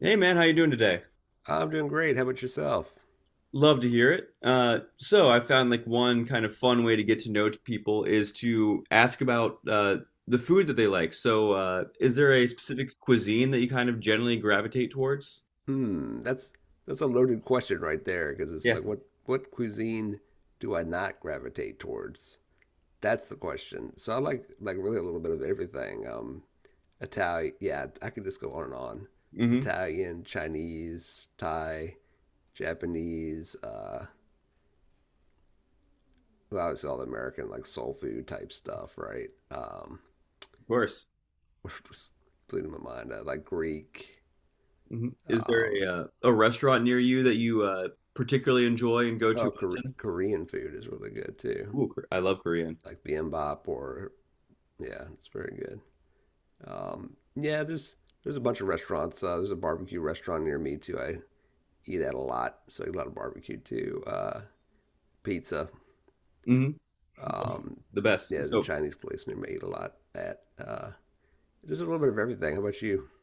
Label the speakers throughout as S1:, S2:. S1: Hey man, how you doing today?
S2: I'm doing great. How about yourself?
S1: Love to hear it. So I found like one kind of fun way to get to know people is to ask about the food that they like. So is there a specific cuisine that you kind of generally gravitate towards?
S2: Hmm, that's that's a loaded question right there because it's
S1: Yeah.
S2: like what cuisine do I not gravitate towards? That's the question. So I like really a little bit of everything. Italian, yeah, I can just go on and on.
S1: Hmm.
S2: Italian, Chinese, Thai, Japanese, well, obviously all the American like soul food type stuff, right?
S1: Of course.
S2: Just bleeding my mind. I like Greek.
S1: Hmm. Is there
S2: Um,
S1: a restaurant near you that you particularly enjoy and go to?
S2: oh, Korean food is really good too.
S1: Ooh, Kor- I love Korean.
S2: Like Bimbop or yeah, it's very good. Yeah, there's there's a bunch of restaurants. There's a barbecue restaurant near me too. I eat at a lot, so I eat a lot of barbecue too. Pizza.
S1: Hmm.
S2: Um,
S1: The best.
S2: yeah, there's a
S1: So
S2: Chinese place near me. I eat a lot at. There's a little bit of everything. How about you?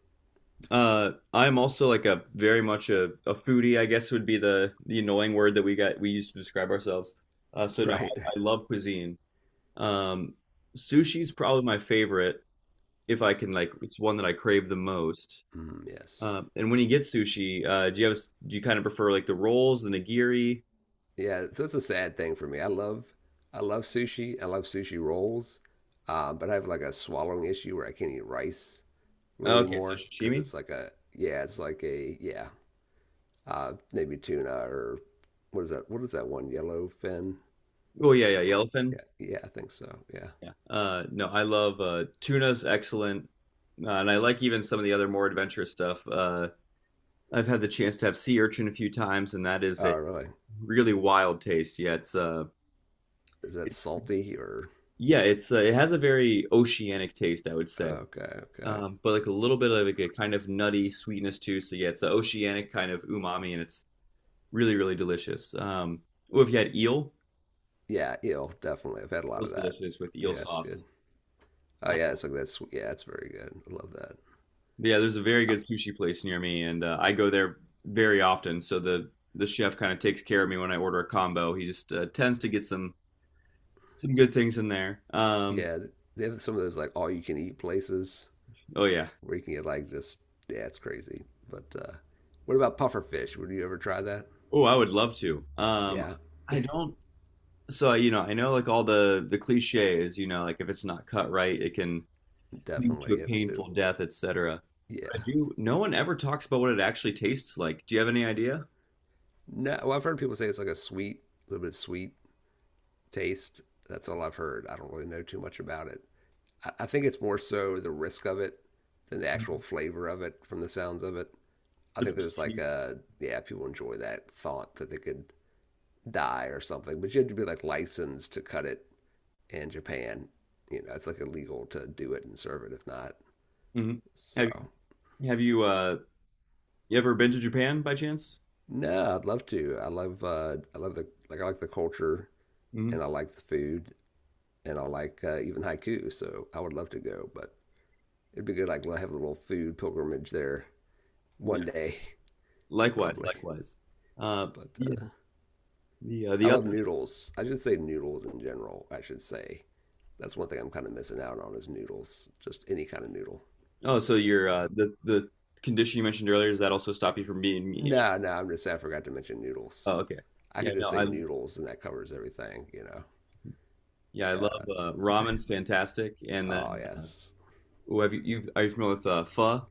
S1: I'm also like a very much a foodie, I guess would be the annoying word that we used to describe ourselves. Uh, so no,
S2: Right.
S1: I, I love cuisine. Um, Sushi's probably my favorite if I can like it's one that I crave the most.
S2: Mm, yes.
S1: And when you get sushi, do you have a s- do you kind of prefer like the rolls, the nigiri?
S2: Yeah. So it's a sad thing for me. I love sushi. I love sushi rolls. But I have like a swallowing issue where I can't eat rice. Really
S1: Okay, so
S2: anymore because
S1: sashimi.
S2: it's like a yeah, it's like a yeah, maybe tuna or what is that? What is that one? Yellow fin?
S1: Oh yeah, yeah,
S2: Or
S1: yellowfin.
S2: yeah, yeah, I think so. Yeah.
S1: Yeah. No, I love tuna's excellent, and I like even some of the other more adventurous stuff. I've had the chance to have sea urchin a few times, and that is a
S2: Oh, really?
S1: really wild taste.
S2: Is that
S1: It's
S2: salty or?
S1: yeah, it has a very oceanic taste, I would say,
S2: Okay, okay.
S1: but like a little bit of like a kind of nutty sweetness too. So yeah, it's an oceanic kind of umami, and it's really really delicious. Well, if you had eel,
S2: Yeah, eel, definitely. I've had a
S1: it
S2: lot
S1: was
S2: of that.
S1: delicious with eel
S2: Yeah, it's good.
S1: sauce.
S2: Oh, yeah,
S1: Um,
S2: it's like that's yeah, it's very good. I love that.
S1: but there's a very good sushi place near me, and I go there very often. So the chef kind of takes care of me when I order a combo. He just tends to get some good things in there.
S2: Yeah, they have some of those like all you can eat places
S1: Oh yeah.
S2: where you can get like just yeah, it's crazy. But what about puffer fish? Would you ever try that?
S1: Oh, I would love to.
S2: Yeah,
S1: I don't. So you know, I know like all the cliches. You know, like if it's not cut right, it can lead to
S2: definitely.
S1: a
S2: It
S1: painful death, etc. But I
S2: Yeah.
S1: do. No one ever talks about what it actually tastes like. Do you have any idea?
S2: No, well, I've heard people say it's like a sweet, a little bit sweet taste. That's all I've heard. I don't really know too much about it. I think it's more so the risk of it than the actual
S1: Mhm.
S2: flavor of it from the sounds of it. I
S1: The
S2: think there's like
S1: Prestige.
S2: a, yeah, people enjoy that thought that they could die or something, but you have to be like licensed to cut it in Japan. You know, it's like illegal to do it and serve it if not.
S1: Mhm. Have
S2: So,
S1: have you ever been to Japan by chance?
S2: no, I'd love to. I love the, like, I like the culture
S1: Hmm.
S2: and I like the food and I like even haiku. So I would love to go, but it'd be good. Like have a little food pilgrimage there one
S1: Yeah.
S2: day,
S1: Likewise,
S2: probably.
S1: likewise. Uh,
S2: But
S1: yeah. The
S2: I
S1: other.
S2: love noodles. I should say noodles in general. I should say that's one thing I'm kind of missing out on is noodles. Just any kind of noodle.
S1: Oh, so your
S2: So.
S1: the condition you mentioned earlier, does that also stop you from being me?
S2: No, no. I'm just saying I forgot to mention
S1: Oh,
S2: noodles.
S1: okay.
S2: I
S1: Yeah,
S2: could
S1: no,
S2: just say
S1: I
S2: noodles and that covers everything. You know.
S1: yeah, I love
S2: Yeah.
S1: ramen, fantastic. And then,
S2: Oh
S1: uh,
S2: yes.
S1: are you familiar with pho?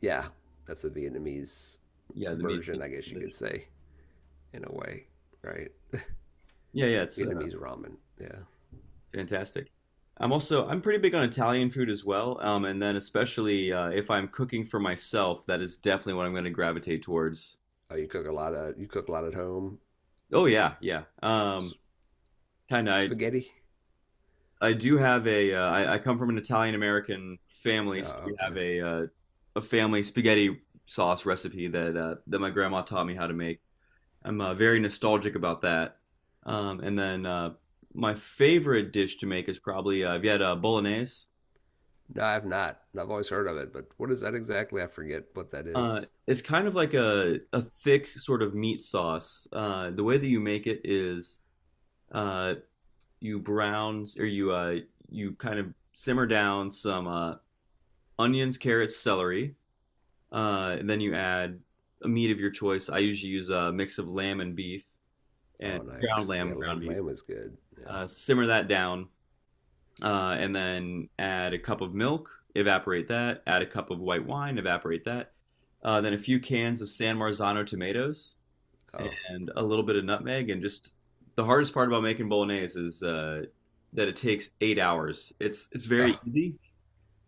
S2: Yeah. That's a Vietnamese
S1: Yeah, the meat
S2: version, I guess you
S1: dish.
S2: could say, in a way, right?
S1: Yeah, yeah, it's
S2: Vietnamese ramen. Yeah.
S1: fantastic. I'm pretty big on Italian food as well. And then especially if I'm cooking for myself, that is definitely what I'm going to gravitate towards.
S2: Oh, you cook a lot at home.
S1: Oh yeah, yeah.
S2: S-
S1: Kind of. I
S2: spaghetti.
S1: I do have a. I come from an Italian American family, so
S2: Oh,
S1: we
S2: okay.
S1: have a family spaghetti sauce recipe that that my grandma taught me how to make. I'm very nostalgic about that. And then my favorite dish to make is probably have had bolognese?
S2: No, I've not. I've always heard of it, but what is that exactly? I forget what that
S1: Uh,
S2: is.
S1: it's kind of like a thick sort of meat sauce. The way that you make it is uh, you brown or you you kind of simmer down some onions, carrots, celery, and then you add a meat of your choice. I usually use a mix of lamb and beef and
S2: Oh,
S1: ground
S2: nice.
S1: lamb,
S2: Yeah, lamb
S1: ground beef.
S2: lamb is good. Yeah.
S1: Simmer that down and then add a cup of milk, evaporate that, add a cup of white wine, evaporate that, then a few cans of San Marzano tomatoes
S2: Oh,
S1: and a little bit of nutmeg. And just the hardest part about making bolognese is that it takes 8 hours. It's very
S2: oh,
S1: easy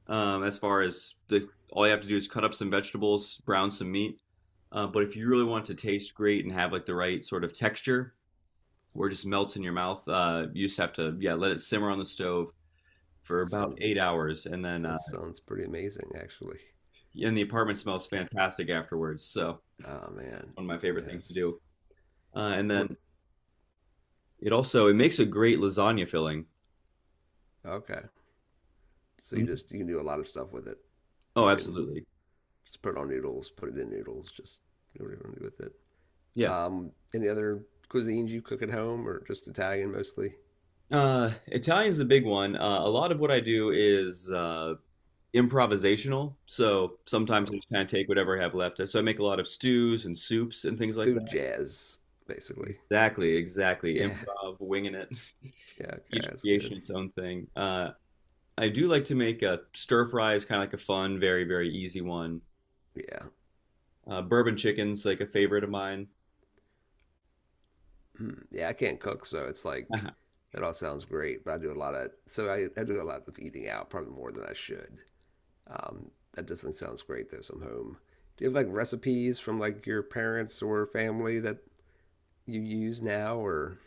S1: as far as the all you have to do is cut up some vegetables, brown some meat. But if you really want it to taste great and have like the right sort of texture, where it just melts in your mouth, you just have to yeah let it simmer on the stove for
S2: that
S1: about
S2: sounds
S1: 8 hours,
S2: that sounds pretty amazing actually.
S1: and the apartment smells fantastic afterwards. So
S2: Oh man.
S1: one of my favorite things to
S2: Yes.
S1: do. And then
S2: What?
S1: it also it makes a great lasagna filling.
S2: Okay. So you
S1: Mhm.
S2: just you can do a lot of stuff with it.
S1: Oh,
S2: You can
S1: absolutely.
S2: just put it on noodles, put it in noodles, just do whatever you want to do with it.
S1: Yeah.
S2: Any other cuisines you cook at home or just Italian mostly?
S1: Italian's the big one. A lot of what I do is improvisational. So sometimes I
S2: Oh,
S1: just kind of take whatever I have left. So I make a lot of stews and soups and things like that.
S2: food jazz, basically.
S1: Exactly, exactly.
S2: Yeah.
S1: Improv, winging it.
S2: Yeah. Okay.
S1: Each
S2: That's good.
S1: creation its own thing. I do like to make a stir fry is kind of like a fun, very, very easy one.
S2: Yeah.
S1: Bourbon chicken's like a favorite of mine.
S2: Mm. Yeah. I can't cook. So it's like,
S1: Uh-huh.
S2: that all sounds great, but I do a lot of, so I do a lot of eating out, probably more than I should. That definitely sounds great though, so I'm home. Do you have like recipes from like your parents or family that you use now or,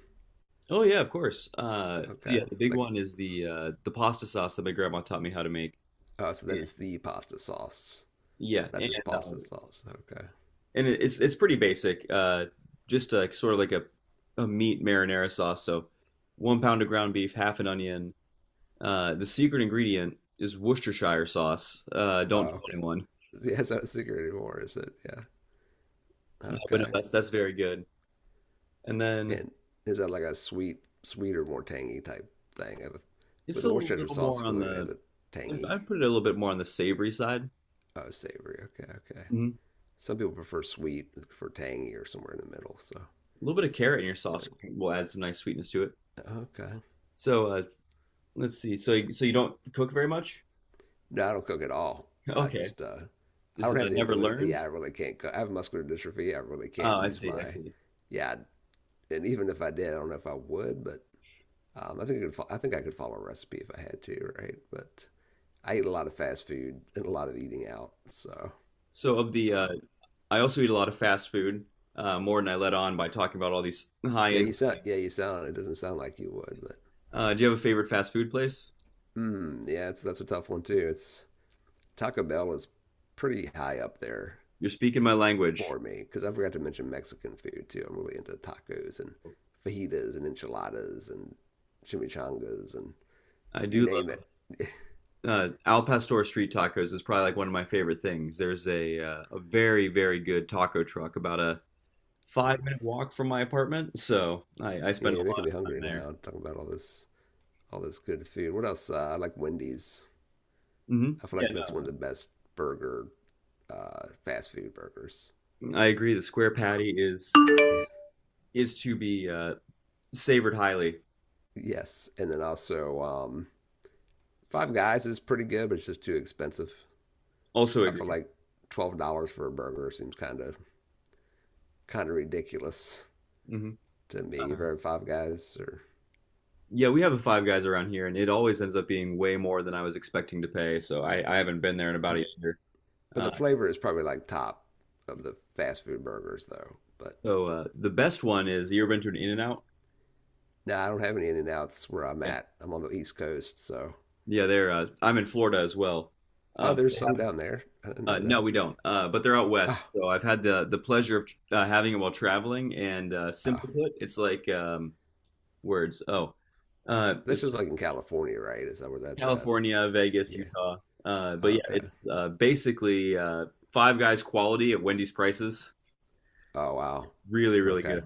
S1: Oh yeah, of course. So yeah,
S2: okay.
S1: the big
S2: Like,
S1: one is the pasta sauce that my grandma taught me how to make.
S2: oh, so that is
S1: And-
S2: the pasta sauce,
S1: yeah,
S2: not just pasta sauce. Okay.
S1: and it- it's pretty basic. Just like sort of like a meat marinara sauce. So 1 pound of ground beef, half an onion. The secret ingredient is Worcestershire sauce. Don't tell
S2: Oh, okay.
S1: anyone.
S2: Yeah, it's not a secret anymore, is it? Yeah.
S1: But no,
S2: Okay.
S1: that's very good. And then
S2: And is that like a sweet, sweeter, more tangy type thing?
S1: it's
S2: With
S1: a
S2: the Worcestershire
S1: little
S2: sauce,
S1: more
S2: I
S1: on
S2: feel like it adds
S1: the
S2: a tangy.
S1: I put it a little bit more on the savory side.
S2: Oh, savory. Okay, okay.
S1: Mhm.
S2: Some people prefer sweet, they prefer tangy, or somewhere in the middle. So
S1: A little bit of carrot in your
S2: that's
S1: sauce
S2: good.
S1: will add some nice sweetness to it.
S2: Okay.
S1: So let's see. So you don't cook very much?
S2: No, I don't cook at all. I
S1: Okay,
S2: just, uh, I
S1: just
S2: don't have the
S1: never
S2: ability.
S1: learned.
S2: Yeah, I really can't cook. I have muscular dystrophy. I really
S1: Oh,
S2: can't
S1: I
S2: use
S1: see. I
S2: my,
S1: see.
S2: yeah. And even if I did, I don't know if I would, but Um, I think I could follow a recipe if I had to, right? But I eat a lot of fast food and a lot of eating out, so
S1: So of the,
S2: um,
S1: I also eat a lot of fast food, more than I let on by talking about all these high
S2: yeah,
S1: end.
S2: you sound yeah you sound. It doesn't sound like you would, but
S1: Do you have a favorite fast food place?
S2: mm, yeah, it's that's a tough one too. It's Taco Bell is pretty high up there
S1: You're speaking my language.
S2: for me because I forgot to mention Mexican food too. I'm really into tacos and fajitas and enchiladas and chimichangas and
S1: I
S2: you
S1: do
S2: name it.
S1: love Al Pastor street tacos is probably like one of my favorite things. There's a very very good taco truck about a five
S2: Oh,
S1: minute walk from my apartment, so I spend
S2: yeah, you're
S1: a
S2: making
S1: lot
S2: me
S1: of time
S2: hungry
S1: there.
S2: now. Talking about all this good food. What else? I like Wendy's.
S1: Hmm.
S2: I feel
S1: Yeah,
S2: like that's one of the best burger, fast food burgers.
S1: no, I agree. The square patty
S2: Yeah.
S1: is to be savored highly.
S2: Yes, and then also Five Guys is pretty good, but it's just too expensive.
S1: Also
S2: I
S1: agree.
S2: feel like $12 for a burger seems kind of ridiculous
S1: Hmm.
S2: to me. You've
S1: Uh,
S2: heard of Five Guys, or
S1: yeah, we have a Five Guys around here, and it always ends up being way more than I was expecting to pay. So I haven't been there in about a
S2: yeah,
S1: year.
S2: but
S1: Uh,
S2: the flavor is probably like top of the fast food burgers though. But
S1: so the best one is you ever been to an In-N-Out?
S2: no, I don't have any In N Outs where I'm
S1: Yeah,
S2: at. I'm on the East Coast, so
S1: yeah. They're I'm in Florida as well.
S2: oh,
S1: Um,
S2: there's some down there. I didn't
S1: Uh,
S2: know
S1: no,
S2: that.
S1: we don't. But they're out west,
S2: Oh,
S1: so I've had the pleasure of having it while traveling. And
S2: oh,
S1: simply put, it's like words. Oh, it's
S2: this is
S1: like
S2: like in California, right? Is that where that's at?
S1: California, Vegas,
S2: Yeah.
S1: Utah.
S2: Oh,
S1: But yeah,
S2: okay.
S1: it's basically Five Guys quality at Wendy's prices.
S2: Oh wow.
S1: Really, really
S2: Okay.
S1: good.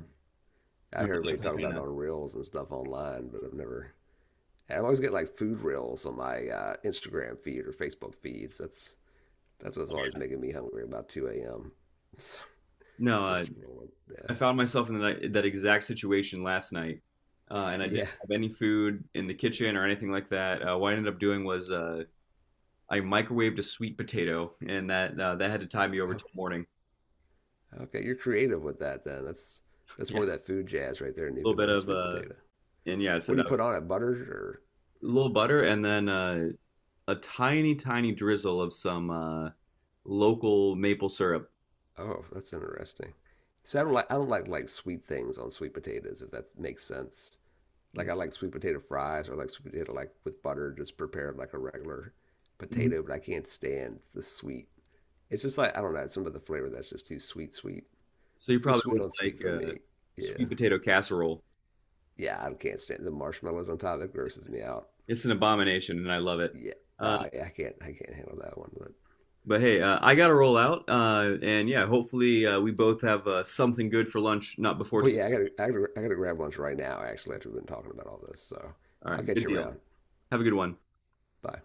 S2: I hear everybody
S1: Definitely
S2: talking
S1: kind
S2: about it
S1: of.
S2: on reels and stuff online, but I've never. I always get like food reels on my Instagram feed or Facebook feeds. That's what's always making me hungry about 2 a.m. So
S1: No,
S2: just scrolling.
S1: I
S2: Yeah.
S1: found myself in that exact situation last night, and I didn't
S2: Yeah.
S1: have any food in the kitchen or anything like that. What I ended up doing was I microwaved a sweet potato, and that had to tide me over
S2: Oh,
S1: till morning.
S2: okay. You're creative with that then. That's
S1: Yeah,
S2: more of
S1: a
S2: that food jazz right there,
S1: little bit
S2: Nukenuh,
S1: of
S2: sweet potato.
S1: and yeah, I
S2: What
S1: said
S2: do you
S1: I
S2: put
S1: was
S2: on it? Butter or?
S1: a little butter, and then a tiny, tiny drizzle of some local maple syrup.
S2: Oh, that's interesting. So I don't like like sweet things on sweet potatoes if that makes sense. Like I like sweet potato fries or like sweet potato like with butter, just prepared like a regular
S1: Mhm.
S2: potato, but I can't stand the sweet. It's just like I don't know, some of the flavor that's just too sweet, sweet,
S1: So you
S2: too
S1: probably
S2: sweet
S1: wouldn't
S2: on sweet
S1: like
S2: for me. Yeah,
S1: sweet potato casserole.
S2: yeah, I can't stand the marshmallows on top. That grosses me out.
S1: It's an abomination, and I love it.
S2: Yeah,
S1: Uh,
S2: yeah, I can't handle that one.
S1: but hey, I gotta roll out, and yeah, hopefully we both have something good for lunch, not before
S2: But
S1: too
S2: yeah, I gotta grab lunch right now. Actually, after we've been talking about all this, so
S1: long. All
S2: I'll
S1: right,
S2: catch
S1: good
S2: you
S1: deal.
S2: around.
S1: Have a good one.
S2: Bye.